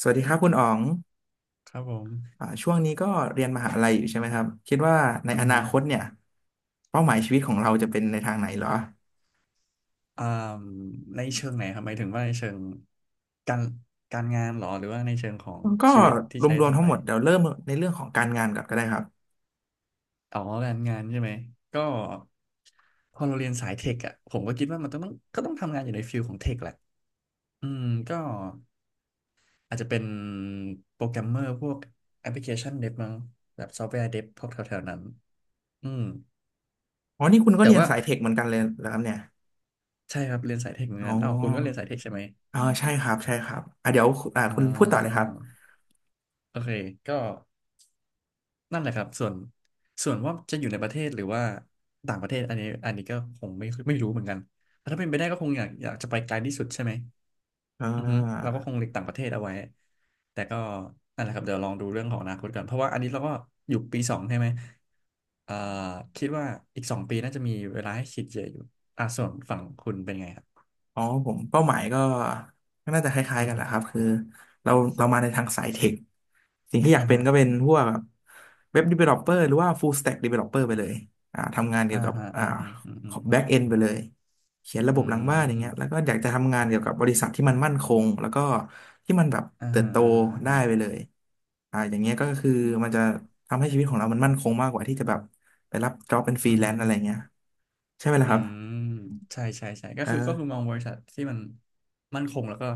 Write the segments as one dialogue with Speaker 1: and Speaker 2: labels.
Speaker 1: สวัสดีครับคุณอ๋อง
Speaker 2: ครับผม
Speaker 1: ช่วงนี้ก็เรียนมหาลัยอยู่ใช่ไหมครับคิดว่าใน
Speaker 2: อื
Speaker 1: อ
Speaker 2: อ
Speaker 1: นา
Speaker 2: ฮึ
Speaker 1: คตเนี่ยเป้าหมายชีวิตของเราจะเป็นในทางไหนเหรอ
Speaker 2: อ่าในเชิงไหนครับหมายถึงว่าในเชิงการการงานเหรอหรือว่าในเชิงของ
Speaker 1: ก็
Speaker 2: ชีวิตที่
Speaker 1: ร
Speaker 2: ใช้
Speaker 1: วม
Speaker 2: ต่อ
Speaker 1: ๆทั้
Speaker 2: ไป
Speaker 1: งหมดเดี๋ยวเริ่มในเรื่องของการงานก่อนก็ได้ครับ
Speaker 2: อ๋อการงานใช่ไหมก็พอเราเรียนสายเทคอ่ะผมก็คิดว่ามันต้องต้องก็ต้องทำงานอยู่ในฟิลของเทคแหละอืมก็อาจจะเป็นโปรแกรมเมอร์พวกแอปพลิเคชันเดฟมั้งแบบซอฟต์แวร์เดฟพวกแถวๆนั้นอืม
Speaker 1: อ๋อนี่คุณก็
Speaker 2: แต่
Speaker 1: เรียน
Speaker 2: ว่า
Speaker 1: สายเทคเหมือนกันเลยเหรอครับเนี่ย
Speaker 2: ใช่ครับเรียนสายเทคเหมือน
Speaker 1: อ๋อ
Speaker 2: กันอ้าวคุณก็เรียนสายเทคใช่ไหม
Speaker 1: อ๋อใช่ครับใช่ครับอ่ะเดี๋ยว
Speaker 2: อ๋อ
Speaker 1: คุณพูดต่อเลยครับ
Speaker 2: โอเคก็ นั่นแหละครับส่วนว่าจะอยู่ในประเทศหรือว่าต่างประเทศอันนี้ก็คงไม่รู้เหมือนกันแต่ถ้าเป็นไปได้ก็คงอยากจะไปไกลที่สุดใช่ไหม
Speaker 1: อ่
Speaker 2: อือฮึเราก็คง
Speaker 1: า
Speaker 2: หลีกต่างประเทศเอาไว้แต่ก็นั่นแหละครับเดี๋ยวลองดูเรื่องของอนาคตก่อนเพราะว่าอันนี้เราก็อยู่ปีสองใช่ไหมเอ่อคิดว่าอีกสองปีน่าจะมีเวลาให้คิดเยอะอยู่อ่ะส่วนฝั่งคุณเป็นไงครับ
Speaker 1: อ๋อผมเป้าหมายก็ก็น่าจะคล้าย
Speaker 2: อื
Speaker 1: ๆ
Speaker 2: อ
Speaker 1: กันแห
Speaker 2: ฮึ
Speaker 1: ละครับคือเราเรามาในทางสายเทคสิ่งที่อยา
Speaker 2: อ่า
Speaker 1: กเป็น
Speaker 2: ฮะ
Speaker 1: ก็เป็นพวกแบบเว็บ developer หรือว่า full stack developer ไปเลยทำงานเกี่ย
Speaker 2: อ่า
Speaker 1: วกับ
Speaker 2: ฮะอ่าฮะอืมอืม
Speaker 1: back end ไปเลยเขียนระบ
Speaker 2: อื
Speaker 1: บหลังบ้านอย่าง
Speaker 2: ม
Speaker 1: เงี้ยแล้วก็อยากจะทำงานเกี่ยวกับบริษัทที่มันมั่นคงแล้วก็ที่มันแบบ
Speaker 2: อ่า
Speaker 1: เติบ
Speaker 2: ฮะ
Speaker 1: โต
Speaker 2: อ่าฮะอ่า
Speaker 1: ได้
Speaker 2: ฮะ
Speaker 1: ไปเลยอย่างเงี้ยก็คือมันจะทำให้ชีวิตของเรามันมั่นคงมากกว่าที่จะแบบไปรับ job เป็นฟรี
Speaker 2: อือ
Speaker 1: แล
Speaker 2: ฮึ
Speaker 1: นซ์อะไรเงี้ยใช่ไหมล่ะ
Speaker 2: อื
Speaker 1: ครับ
Speaker 2: มใช่ใช่ใช่ก็
Speaker 1: เอ
Speaker 2: คือม
Speaker 1: อ
Speaker 2: องบริษัทที่มันมั่นคงแล้วก็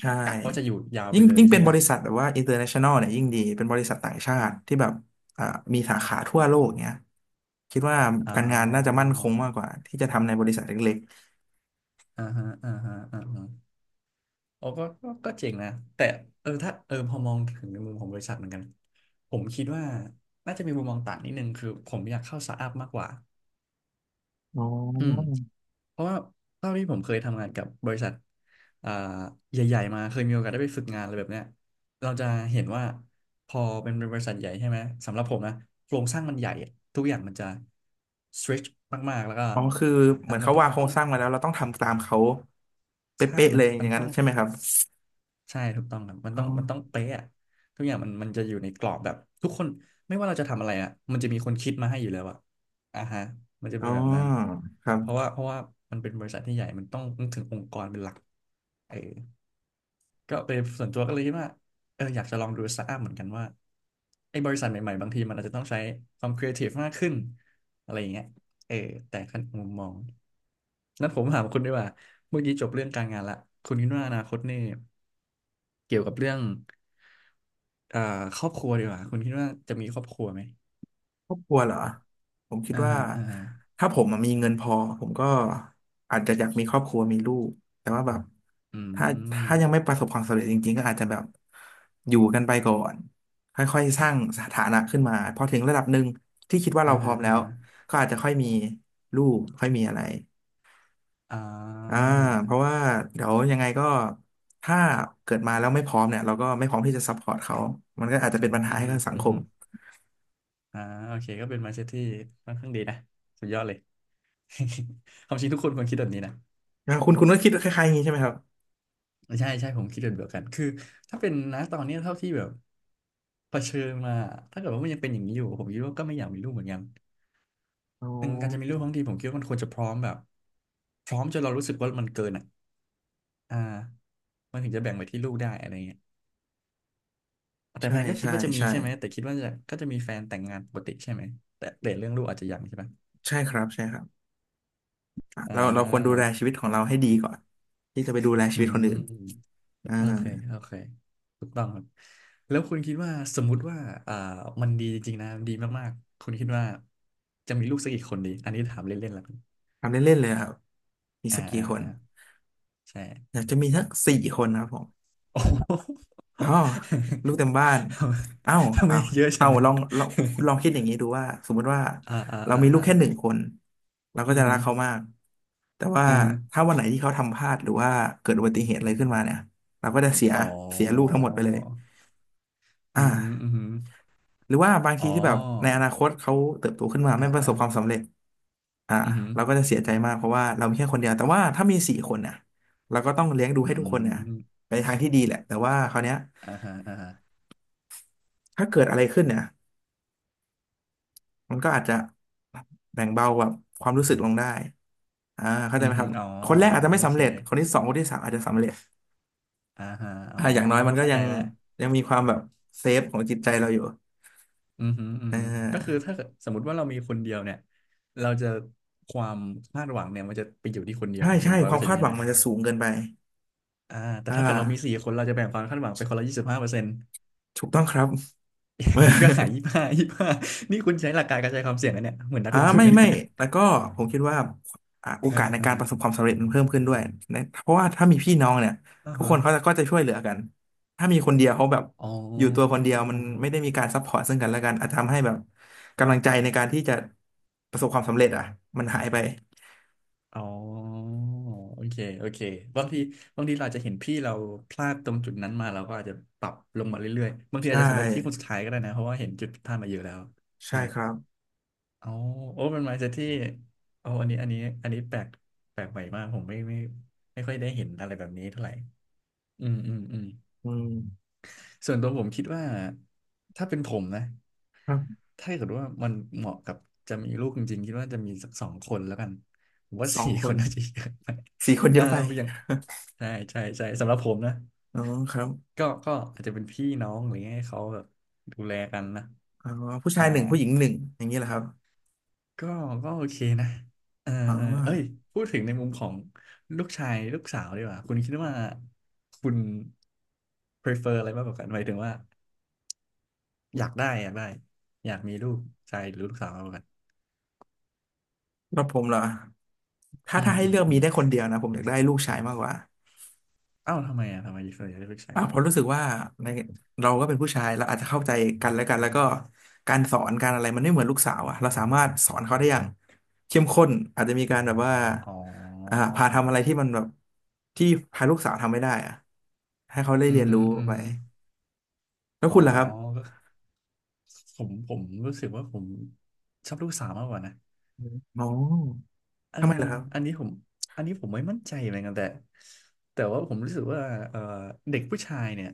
Speaker 1: ใช่
Speaker 2: กะว่าจะอยู่ยาวไป
Speaker 1: ยิ่ง
Speaker 2: เลย
Speaker 1: ยิ่ง
Speaker 2: ใช่
Speaker 1: เป็น
Speaker 2: ไห
Speaker 1: บ
Speaker 2: ม
Speaker 1: ริษัทแบบว่า international เนี่ยยิ่งดีเป็นบริษัทต่างชาติที่แบบอ่ามีสาขาทั่วโลกเนี้ยคิดว่า
Speaker 2: อ๋อ
Speaker 1: การงานน่าจะมั่นคงมากกว่าที่จะทำในบริษัทเล็ก
Speaker 2: อ่าฮะอ่าฮะอ่าฮะโอ้ก็เจ๋งนะแต่ถ้าพอมองถึงในมุมของบริษัทเหมือนกันผมคิดว่าน่าจะมีมุมมองต่างนิดนึงคือผมอยากเข้าสตาร์ทอัพมากกว่า
Speaker 1: ๆอ๋อ
Speaker 2: อืม เพราะว่าเท่าที่ผมเคยทำงานกับบริษัทอ่าใหญ่ๆมาเคยมีโอกาสได้ไปฝึกงานอะไรแบบเนี้ยเราจะเห็นว่าพอเป็นบริษัทใหญ่ใช่ไหมสำหรับผมนะโครงสร้างมันใหญ่อะทุกอย่างมันจะ stretch มากๆแล้วก็
Speaker 1: อ๋อคือเห
Speaker 2: อ่ะ
Speaker 1: มือน
Speaker 2: มัน
Speaker 1: เขา
Speaker 2: ต้อง
Speaker 1: วาง
Speaker 2: มั
Speaker 1: โค
Speaker 2: น
Speaker 1: ร
Speaker 2: ต้อ
Speaker 1: ง
Speaker 2: ง
Speaker 1: สร้างมาแล้วเราต้องทำตามเขาเป
Speaker 2: ใช่
Speaker 1: ๊ะๆ
Speaker 2: มั
Speaker 1: เล
Speaker 2: น
Speaker 1: ยอ
Speaker 2: มั
Speaker 1: ย่า
Speaker 2: น
Speaker 1: งนั้
Speaker 2: ต้
Speaker 1: น
Speaker 2: อง
Speaker 1: ใช่ไหมครับ
Speaker 2: ใช่ถูกต้องครับมัน
Speaker 1: อ๋อ
Speaker 2: ต้องมันต้องเป๊ะอะทุกอย่างมันจะอยู่ในกรอบแบบทุกคนไม่ว่าเราจะทำอะไรอ่ะมันจะมีคนคิดมาให้อยู่แล้วอ่ะอ่าฮะมันจะ
Speaker 1: อ๋
Speaker 2: เป็
Speaker 1: อ
Speaker 2: นแบบนั้น
Speaker 1: ครับ
Speaker 2: เพราะว่ามันเป็นบริษัทที่ใหญ่มันต้องนึกถึงองค์กรเป็นหลักเออก็เป็นส่วนตัวก็เลยคิดว่าอยากจะลองดูสตาร์ทอัพเหมือนกันว่าไอ้บริษัทใหม่ๆบางทีมันอาจจะต้องใช้ความครีเอทีฟมากขึ้นอะไรอย่างเงี้ยเออแต่ขั้นมุมมองนั้นผมถามคุณดีกว่าเมื่อกี้จบเรื่องการงานละคุณคิดว่าอนาคตนี่ เกี่ยวกับเรื่องเอ่อครอบครัวดีกว่าคุณคิดว่าจะมีครอบครัวไหม
Speaker 1: ครอบครัวเหรอผมคิด
Speaker 2: อ่า
Speaker 1: ว่า
Speaker 2: ฮะอ่าฮะ
Speaker 1: ถ้าผมอะมีเงินพอผมก็อาจจะอยากมีครอบครัวมีลูกแต่ว่าแบบ
Speaker 2: อื
Speaker 1: ถ้า
Speaker 2: ม
Speaker 1: ถ้ายังไม่ประสบความสำเร็จจริงๆก็อาจจะแบบอยู่กันไปก่อนค่อยๆสร้างสถานะขึ้นมาพอถึงระดับหนึ่งที่คิดว่า
Speaker 2: อ่า
Speaker 1: เราพร้
Speaker 2: ฮะ
Speaker 1: อมแล้
Speaker 2: อ่า
Speaker 1: ว
Speaker 2: ฮะ
Speaker 1: ก็อาจจะค่อยมีลูกค่อยมีอะไร
Speaker 2: อ่
Speaker 1: อ่า
Speaker 2: า
Speaker 1: เพราะว่าเดี๋ยวยังไงก็ถ้าเกิดมาแล้วไม่พร้อมเนี่ยเราก็ไม่พร้อมที่จะซัพพอร์ตเขามันก็อาจจะเป็นปัญ
Speaker 2: อื
Speaker 1: หา
Speaker 2: อ
Speaker 1: ให้
Speaker 2: ฮึ
Speaker 1: กับสัง
Speaker 2: อื
Speaker 1: ค
Speaker 2: มฮึ
Speaker 1: ม
Speaker 2: อ่าโอเคก็เป็น mindset ที่ค่อนข้างดีนะสุดยอดเลย ความจริงทุกคนควรคิดแบบนี้นะ
Speaker 1: คุณก็คิดคล้ายๆอย่างนี้ใช่ไหมครับ
Speaker 2: ใช่ใช่ผมคิดแบบเดียวกันคือถ้าเป็นนะตอนเนี้ยเท่าที่แบบเผชิญมาถ้าเกิดว่ามันยังเป็นอย่างนี้อยู่ผมคิดว่าก็ไม่อยากมีลูกเหมือนกัน
Speaker 1: อ๋อ
Speaker 2: อืมการจะมีลูกทั้งทีผมคิดว่ามันควรจะพร้อมแบบพร้อมจนเรารู้สึกว่ามันเกินอ่ะอ่า มันถึงจะแบ่งไปที่ลูกได้อะไรเงี้ยแต่
Speaker 1: ใช่
Speaker 2: แฟนก็คิด
Speaker 1: ใช่
Speaker 2: ว่าจะมี
Speaker 1: ใช่
Speaker 2: ใช่ไหมแต่คิดว่าจะมีแฟนแต่งงานปกติใช่ไหมแต่เรื่องลูกอาจจะยังใช่ไหม
Speaker 1: ใช่ครับใช่ครับอ่ะ
Speaker 2: อ่
Speaker 1: เราควรดู
Speaker 2: า
Speaker 1: แลชีวิตของเราให้ดีก่อนที่จะไปดูแลชี
Speaker 2: อื
Speaker 1: วิตคนอื่น
Speaker 2: ม
Speaker 1: อ่า
Speaker 2: โอเคโอเคถูกต้องครับแล้วคุณคิดว่าสมมุติว่าอ่ามันดีจริงๆนะดีมากๆคุณคิดว่าจะมีลูกสักกี่คนดีอันนี้ถามเล่นๆแล้วกัน
Speaker 1: ทำเล่นๆเลยครับมี
Speaker 2: อ่า
Speaker 1: สักกี่
Speaker 2: อ่า
Speaker 1: คน
Speaker 2: อ่า
Speaker 1: อ
Speaker 2: ใช่
Speaker 1: ยากจะมีสักสี่คนครับผม
Speaker 2: โอ้
Speaker 1: อ๋อลูกเต็มบ้าน
Speaker 2: โหทำไม
Speaker 1: เอ้า
Speaker 2: ทำไม
Speaker 1: เอ้า
Speaker 2: เยอะจั
Speaker 1: เอ้า
Speaker 2: ง
Speaker 1: ลองคุณลองคิดอย่างนี้ดูว่าสมมุติว่า
Speaker 2: อ่าอ่า
Speaker 1: เรา
Speaker 2: อ่า
Speaker 1: มีลู
Speaker 2: อ่า
Speaker 1: กแค่หนึ่งคนเราก็
Speaker 2: อือ
Speaker 1: จะรั
Speaker 2: หื
Speaker 1: ก
Speaker 2: อ
Speaker 1: เขามากแต่ว่า
Speaker 2: อือหือ
Speaker 1: ถ้าวันไหนที่เขาทำพลาดหรือว่าเกิดอุบัติเหตุอะไรขึ้นมาเนี่ยเราก็จะเสีย
Speaker 2: อ๋อ
Speaker 1: เสียลูกทั้งหมดไปเลย
Speaker 2: อื
Speaker 1: อ่า
Speaker 2: อหืออือหือ
Speaker 1: หรือว่าบาง
Speaker 2: อ๋
Speaker 1: ที
Speaker 2: อ
Speaker 1: ที่แบบในอนาคตเขาเติบโตขึ้นมา
Speaker 2: อ่า
Speaker 1: ไม่ประ
Speaker 2: อ่า
Speaker 1: สบความสำเร็จอ่า
Speaker 2: อือหือ
Speaker 1: เราก็จะเสียใจมากเพราะว่าเรามีแค่คนเดียวแต่ว่าถ้ามีสี่คนเนี่ยเราก็ต้องเลี้ยงดู
Speaker 2: อื
Speaker 1: ให้ทุกคนเนี่ย
Speaker 2: ม
Speaker 1: ไปทางที่ดีแหละแต่ว่าคราวเนี้ย
Speaker 2: อ่าฮะอ่าฮะ
Speaker 1: ถ้าเกิดอะไรขึ้นเนี่ยมันก็อาจจะแบ่งเบาแบบความรู้สึกลงได้เข้าใจ
Speaker 2: อื
Speaker 1: ไห
Speaker 2: อ
Speaker 1: มค
Speaker 2: หือ
Speaker 1: รับ
Speaker 2: อ๋อ
Speaker 1: ค
Speaker 2: อ๋
Speaker 1: น
Speaker 2: อ
Speaker 1: แรกอาจจะ
Speaker 2: โอ
Speaker 1: ไม่สำ
Speaker 2: เค
Speaker 1: เร็จคนที่สองคนที่สามอาจจะสำเร็จ
Speaker 2: อ่าฮะอ๋อ
Speaker 1: อย่างน้อยมันก็
Speaker 2: เข้า
Speaker 1: ยั
Speaker 2: ใจ
Speaker 1: ง
Speaker 2: แล้ว
Speaker 1: มีความแบบเซฟของจิตใจเราอยู่
Speaker 2: อือหืออือ
Speaker 1: อ่
Speaker 2: หือก็คือ
Speaker 1: า
Speaker 2: ถ้าสมมติว่าเรามีคนเดียวเนี่ยเราจะความคาดหวังเนี่ยมันจะไปอยู่ที่คนเดียว
Speaker 1: ใช่
Speaker 2: ไงห
Speaker 1: ใช่
Speaker 2: นึ่งร้อ
Speaker 1: ค
Speaker 2: ยเปอ
Speaker 1: วาม
Speaker 2: ร์เซ็น
Speaker 1: คา
Speaker 2: ต์
Speaker 1: ดห
Speaker 2: ใช่
Speaker 1: วั
Speaker 2: ไห
Speaker 1: ง
Speaker 2: ม
Speaker 1: มันจะสูงเกินไป
Speaker 2: อ่าแต่
Speaker 1: อ่า
Speaker 2: ถ้าเกิดเรามีสี่คนเราจะแบ่งความคาดหวังไปคนละ25%
Speaker 1: ถูกต้องครับ
Speaker 2: อย่างน้อยก็หาย ยี่สิบห้ายี่สิบห้านี่คุณใช้หลักการกระจายความเสี่ยงนะเนี่ยเหมือนนัก
Speaker 1: อ่า
Speaker 2: ลงทุน
Speaker 1: ไม่
Speaker 2: นะเนี่
Speaker 1: ไม่
Speaker 2: ย
Speaker 1: แล้วก็ผมคิดว่าโอ
Speaker 2: อ่า
Speaker 1: กาส
Speaker 2: ฮะ
Speaker 1: ใน
Speaker 2: อ่า
Speaker 1: การป
Speaker 2: ฮะ
Speaker 1: ระสบความสำเร็จมันเพิ่มขึ้นด้วยนะเพราะว่าถ้ามีพี่น้องเนี่ย
Speaker 2: อ่า
Speaker 1: ทุก
Speaker 2: ฮะ
Speaker 1: คนเขาจะก็จะช่วยเหลือกันถ้ามีคนเดียวเขาแบบ
Speaker 2: อ๋
Speaker 1: อยู่ตัวคน
Speaker 2: อ
Speaker 1: เดียวมันไม่ได้มีการซัพพอร์ตซึ่งกันและกันอาจทำให้แบบกำลังใจในการที่จะประสบความสำเร็จอ่ะมันหายไป
Speaker 2: อ๋อโอเคโอเคบางทีบางทีเราอาจจะเห็นพี่เราพลาดตรงจุดนั้นมาเราก็อาจจะปรับลงมาเรื่อยๆ บางทีอา
Speaker 1: ใช่
Speaker 2: จจะสำเร็จที่คนสุดท้ายก็ได้นะเพราะว่าเห็นจุดผิดพลาดมาเยอะแล้ว
Speaker 1: ใช่
Speaker 2: ใช่ไหม
Speaker 1: ครับ
Speaker 2: อ๋อโอ้เป็น mindset ที่โอ้อันนี้แปลกใหม่มากผมไม่ค่อยได้เห็นอะไรแบบนี้เท่าไหร่ อืมอืมอืม
Speaker 1: อืม
Speaker 2: ส่วนตัวผมคิดว่าถ้าเป็นผมนะ
Speaker 1: ครับ
Speaker 2: ถ้าเกิดว่ามันเหมาะกับจะมีลูกจริงๆคิดว่าจะมีสักสองคนแล้วกันผมว่า
Speaker 1: สอง
Speaker 2: สี่
Speaker 1: ค
Speaker 2: คน
Speaker 1: น
Speaker 2: น่าจะเยอะไป
Speaker 1: สี่คน
Speaker 2: เอ
Speaker 1: เย
Speaker 2: อ
Speaker 1: อะไป
Speaker 2: อย่างใช่ใช่ใช่สำหรับผมนะ
Speaker 1: อ๋อครับ
Speaker 2: ก็อาจจะเป็นพี่น้องอะไรเงี้ยให้เขาแบบดูแลกันนะ
Speaker 1: อ๋อผู้ชา
Speaker 2: อ่า
Speaker 1: ยหนึ่งผู้หญิงหนึ่งอย่างนี้แหละครับ
Speaker 2: ก็ก็โอเคนะเออ
Speaker 1: อ๋อ
Speaker 2: เออเอ้ยพูดถึงในมุมของลูกชายลูกสาวดีกว่าคุณคิดว่าคุณ prefer อะไรมากกว่ากันหมายถึงว่าอยากได้อยากได้อยากมีลูกชายหรือลูกสาวมากกว่ากัน
Speaker 1: แล้วผมเหรอถ้า
Speaker 2: อื
Speaker 1: ถ้า
Speaker 2: ม
Speaker 1: ให้
Speaker 2: อื
Speaker 1: เลื
Speaker 2: ม
Speaker 1: อก
Speaker 2: อื
Speaker 1: มี
Speaker 2: ม
Speaker 1: ได้คนเดียวนะผมอยากได้ลูกชายมากกว่า
Speaker 2: อ้าวทำไมเ่วนใหญ่เลือกใช้
Speaker 1: อ่ะเพราะรู้สึกว่าในเราก็เป็นผู้ชายเราอาจจะเข้าใจกันและกันแล้วก็การสอนการอะไรมันไม่เหมือนลูกสาวอะเราสามารถสอนเขาได้อย่างเข้มข้นอาจจะมีการแบบว่า
Speaker 2: อ๋อ
Speaker 1: พาทำอะไรที่มันแบบที่พาลูกสาวทำไม่ได้อะให้เขาได้
Speaker 2: อื
Speaker 1: เรี
Speaker 2: อ
Speaker 1: ยน
Speaker 2: หื
Speaker 1: รู้
Speaker 2: ออือ
Speaker 1: ไป
Speaker 2: หื
Speaker 1: แล้ว
Speaker 2: อ๋อ
Speaker 1: คุณล่ะครับ
Speaker 2: ก็ผมรู้สึกว่าผมชอบลูกสาวมากกว่านะ
Speaker 1: อมอ๋อ
Speaker 2: เออ
Speaker 1: ทำไมล่ะครับ
Speaker 2: อันนี้ผมอันนี้ผมไม่มั่นใจเหมือนกันแต่ว่าผมรู้สึกว่าเออเด็กผู้ชายเนี่ย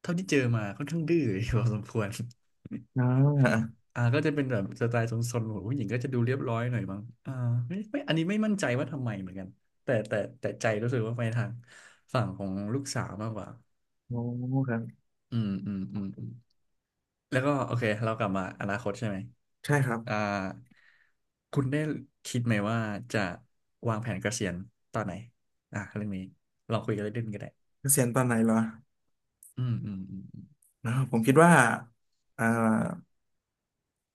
Speaker 2: เท่าที่เจอมาค่อนข้างดื้อพอสมควร
Speaker 1: อ๋อ
Speaker 2: อ่าก็จะเป็นแบบสไตล์ซนๆของผู้หญิงก็จะดูเรียบร้อยหน่อยมั้งอ่าไม่อันนี้ไม่มั่นใจว่าทำไมเหมือนกันแต่ใจรู้สึกว่าไปทางฝั่งของลูกสาวมากกว่า
Speaker 1: อ๋อครับ
Speaker 2: อืมอืมอืมอืมแล้วก็โอเคเรากลับมาอนาคตใช่ไหม
Speaker 1: ใช่ครับ
Speaker 2: อ่าคุณได้คิดไหมว่าจะวางแผนเกษียณตอนไหนอ่ะเรื่องนี้ลองคุยกันเล่นๆก็ได้
Speaker 1: เกษียณตอนไหนเหรอ
Speaker 2: อืมอืมอืมอ
Speaker 1: อ๋อผมคิดว่าอ่า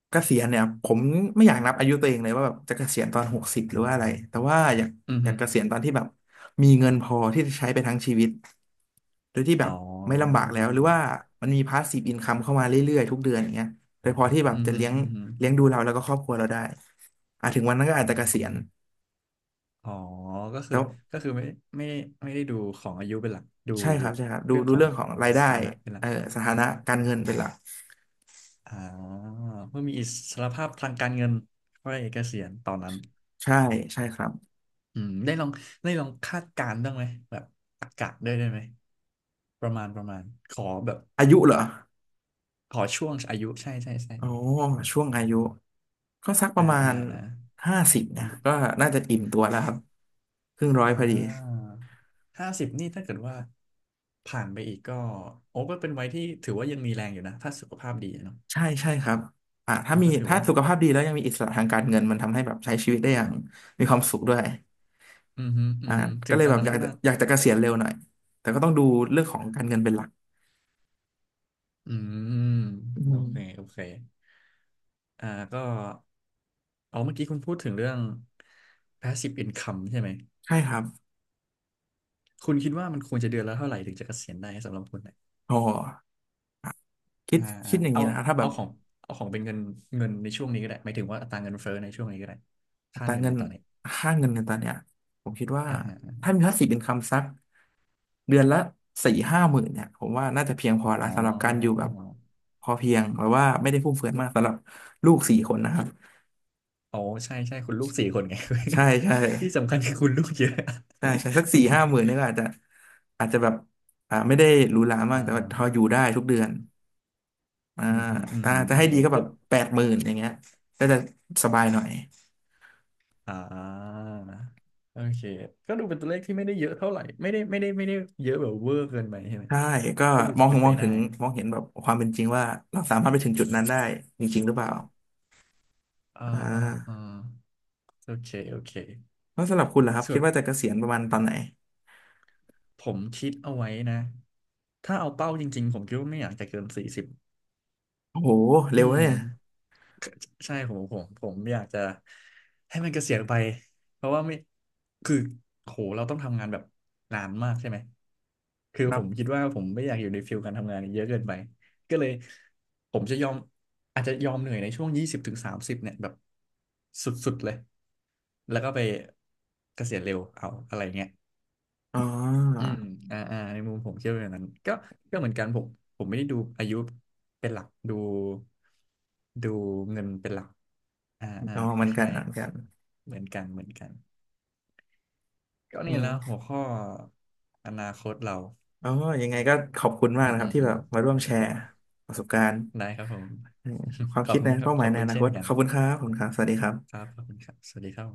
Speaker 1: เกษียณเนี่ยผมไม่อยากนับอายุตัวเองเลยว่าแบบจะเกษียณตอน60หรือว่าอะไรแต่ว่าอยาก
Speaker 2: ืม
Speaker 1: อ
Speaker 2: อื
Speaker 1: ยาก
Speaker 2: ม
Speaker 1: เกษียณตอนที่แบบมีเงินพอที่จะใช้ไปทั้งชีวิตโดยที่แบ
Speaker 2: อ๋
Speaker 1: บไม่ลำบา
Speaker 2: อ
Speaker 1: กแล้วหรือว่ามันมีพาสซีฟอินคัมเข้ามาเรื่อยๆทุกเดือนอย่างเงี้ยโดยพอที่แบ
Speaker 2: อื
Speaker 1: บ
Speaker 2: ม
Speaker 1: จะ
Speaker 2: อืม
Speaker 1: เลี้ยง
Speaker 2: อืมฮึ
Speaker 1: เลี้ยงดูเราแล้วก็ครอบครัวเราได้อ่ะถึงวันนั้นก็อาจจะเกษียณ
Speaker 2: อ๋อก็คื
Speaker 1: แต่
Speaker 2: อ
Speaker 1: ว่า
Speaker 2: ก็คือไม่ได้ไม่ได้ดูของอายุเป็นหลักดู
Speaker 1: ใช่ครับใช่ครับดู
Speaker 2: เรื่อง
Speaker 1: ดู
Speaker 2: ขอ
Speaker 1: เรื่
Speaker 2: ง
Speaker 1: องของรายได้
Speaker 2: ฐานะเป็นหลั
Speaker 1: เอ
Speaker 2: ก
Speaker 1: อสถานะการเงินเป็นหลัก
Speaker 2: อ๋อเพื่อมีอิสรภาพทางการเงินก็ได้เกษียณตอนนั้น
Speaker 1: ใช่ใช่ครับ
Speaker 2: อืมได้ลองคาดการณ์บ้างไหมแบบอากาศด้วยได้ไหมประมาณขอแบบ
Speaker 1: อายุเหรอ
Speaker 2: ขอช่วงอายุใช่ใช่ใช่
Speaker 1: โอ้ช่วงอายุก็สักป
Speaker 2: อ่า
Speaker 1: ระมา
Speaker 2: อ่า
Speaker 1: ณ
Speaker 2: อ่า
Speaker 1: 50เนี่ยก็น่าจะอิ่มตัวแล้วครับครึ่งร้อย
Speaker 2: อ่า
Speaker 1: พอดี
Speaker 2: 50นี่ถ้าเกิดว่าผ่านไปอีกก็โอ้ก็เป็นวัยที่ถือว่ายังมีแรงอยู่นะถ้าสุขภาพดีอะเนาะ
Speaker 1: ใช่ใช่ครับอ่า
Speaker 2: เอ
Speaker 1: ถ้า
Speaker 2: อ
Speaker 1: มี
Speaker 2: ก็ถือ
Speaker 1: ถ้า
Speaker 2: ว่า
Speaker 1: สุขภาพดีแล้วยังมีอิสระทางการเงินมันทำให้แบบใช้ชีวิตได้อย่างมีความสุขด้วย
Speaker 2: อืมฮึอื
Speaker 1: อ่า
Speaker 2: มฮึถึ
Speaker 1: ก็
Speaker 2: ง
Speaker 1: เล
Speaker 2: ต
Speaker 1: ย
Speaker 2: อน
Speaker 1: แบบ
Speaker 2: นั้
Speaker 1: อ
Speaker 2: น
Speaker 1: ยาก
Speaker 2: ก็
Speaker 1: จะ
Speaker 2: น่า
Speaker 1: อยากจะเก
Speaker 2: ได้
Speaker 1: ษียณเร็วหน่อยแต่ก็ต้องดูเรื่องของการเงินเป็นหลัก
Speaker 2: อืม
Speaker 1: อื
Speaker 2: โอเค
Speaker 1: ม
Speaker 2: โอเคอ่าก็เอาเมื่อกี้คุณพูดถึงเรื่อง passive income ใช่ไหม
Speaker 1: ใช่ครับ
Speaker 2: คุณคิดว่ามันควรจะเดือนละเท่าไหร่ถึงจะเกษียณได้สำหรับคุณเนะ
Speaker 1: พอคิ
Speaker 2: อ่า
Speaker 1: ดคิดอย่าง
Speaker 2: เอา
Speaker 1: นี้นะถ้าแบ
Speaker 2: เอา
Speaker 1: บ
Speaker 2: ของเอาของเป็นเงินเงินในช่วงนี้ก็ได้หมายถึงว่าอัตราเงินเฟ้อในช่วงนี้ก็ได้
Speaker 1: อั
Speaker 2: ค่า
Speaker 1: ตรา
Speaker 2: เงิน
Speaker 1: เงิ
Speaker 2: ใน
Speaker 1: น
Speaker 2: ตอนนี้
Speaker 1: ค่าเงินในตอนเนี้ยผมคิดว่า
Speaker 2: อ่าฮะ
Speaker 1: ถ้ามีพาสซีฟอินคัมสัก เดือนละ40,000-50,000เนี่ยผมว่าน่าจะเพียงพอ
Speaker 2: อ๋
Speaker 1: ละสำหรับการอยู่
Speaker 2: อ
Speaker 1: แบบพอเพียงหรือว่าไม่ได้ฟุ่มเฟือยมากสำหรับลูกสี่คนนะครับ
Speaker 2: อ๋อใช่ใช่คุณลูกสี่คนไง
Speaker 1: ใช่ใช่
Speaker 2: ที่สำคัญคือคุณลูกเยอะ
Speaker 1: ใช่ใช่สักสี่ห้าหมื่นนี่ก็อาจจะอาจจะแบบไม่ได้หรูหรา
Speaker 2: อ่า
Speaker 1: มากแต่ว่าพออยู่ได้ทุกเดือนอ่า
Speaker 2: อืมฮึอืม
Speaker 1: ถ้า
Speaker 2: ฮึ
Speaker 1: จะ
Speaker 2: อื
Speaker 1: ให้
Speaker 2: มฮึ
Speaker 1: ดีก็แบ
Speaker 2: ก็
Speaker 1: บ80,000อย่างเงี้ยก็จะสบายหน่อย
Speaker 2: อ่าโอเคก็ดูเป็นตัวเลขที่ไม่ได้เยอะเท่าไหร่ไม่ได้เยอะแบบเวอร์เกินไปใช่ไหม
Speaker 1: ใช่ก็
Speaker 2: ก็ดู
Speaker 1: มอ
Speaker 2: จะ
Speaker 1: ง
Speaker 2: เป็
Speaker 1: ถึ
Speaker 2: น
Speaker 1: งม
Speaker 2: ไป
Speaker 1: องถึ
Speaker 2: ได้
Speaker 1: ง
Speaker 2: นะ
Speaker 1: มองเห็นแบบความเป็นจริงว่าเราสามารถไปถึงจุดนั้นได้จริงๆหรือเปล่า
Speaker 2: อ่า
Speaker 1: อ่
Speaker 2: อ่าอ่า
Speaker 1: า
Speaker 2: โอเคโอเค
Speaker 1: แล้วสำหรับคุณล่ะครับ
Speaker 2: ส่
Speaker 1: คิด
Speaker 2: วน
Speaker 1: ว่าจะเกษียณประมาณตอนไหน
Speaker 2: ผมคิดเอาไว้นะถ้าเอาเป้าจริงๆผมคิดว่าไม่อยากจะเกิน40
Speaker 1: โอ้โหเร็
Speaker 2: อื
Speaker 1: ว
Speaker 2: ม
Speaker 1: เนี่ย
Speaker 2: ใช่ผมอยากจะให้มันเกษียณไปเพราะว่าไม่คือโหเราต้องทำงานแบบนานมากใช่ไหมคือ
Speaker 1: ครั
Speaker 2: ผมคิ
Speaker 1: บ
Speaker 2: ดว่าผมไม่อยากอยู่ในฟิลการทำงานเยอะเกินไปก็เลยผมจะยอมอาจจะยอมเหนื่อยในช่วง20ถึง30เนี่ยแบบสุดๆเลยแล้วก็ไปเกษียณเร็วเอาอะไรเงี้ย
Speaker 1: อ๋
Speaker 2: อื
Speaker 1: อ
Speaker 2: มอ่าอ่าในมุมผมเชื่อว่าอย่างนั้น ก็เหมือนกันผมผมไม่ได้ดูอายุเป็นหลัก ดูเงินเป็นหลักอ่าอ่า
Speaker 1: อ๋อ
Speaker 2: ค
Speaker 1: เหมือนกัน
Speaker 2: ล้าย
Speaker 1: เหมือนกัน
Speaker 2: ๆเหมือนกันเหมือนกัน ก็
Speaker 1: อื
Speaker 2: นี่แล้ว
Speaker 1: ม
Speaker 2: หัวข้ออนาคตเรา
Speaker 1: อ๋อยังไงก็ขอบคุณ
Speaker 2: อื
Speaker 1: มาก
Speaker 2: ม
Speaker 1: นะครั
Speaker 2: อื
Speaker 1: บ
Speaker 2: ม
Speaker 1: ที่
Speaker 2: อื
Speaker 1: แบ
Speaker 2: ม
Speaker 1: บมาร่วมแชร์
Speaker 2: ก็
Speaker 1: ประสบการณ์
Speaker 2: ได้ครับผม
Speaker 1: เอ่อความ
Speaker 2: ขอ
Speaker 1: คิ
Speaker 2: บ
Speaker 1: ด
Speaker 2: คุ
Speaker 1: นะ
Speaker 2: ณครับ
Speaker 1: เป้าห
Speaker 2: ข
Speaker 1: มาย
Speaker 2: อบ
Speaker 1: ใน
Speaker 2: คุ
Speaker 1: อ
Speaker 2: ณ
Speaker 1: นา
Speaker 2: เช่
Speaker 1: ค
Speaker 2: น
Speaker 1: ต
Speaker 2: กั
Speaker 1: ข
Speaker 2: น
Speaker 1: อบคุณครับขอบคุณครับสวัสดีครั
Speaker 2: ครั
Speaker 1: บ
Speaker 2: บขอบคุณครับสวัสดีครับ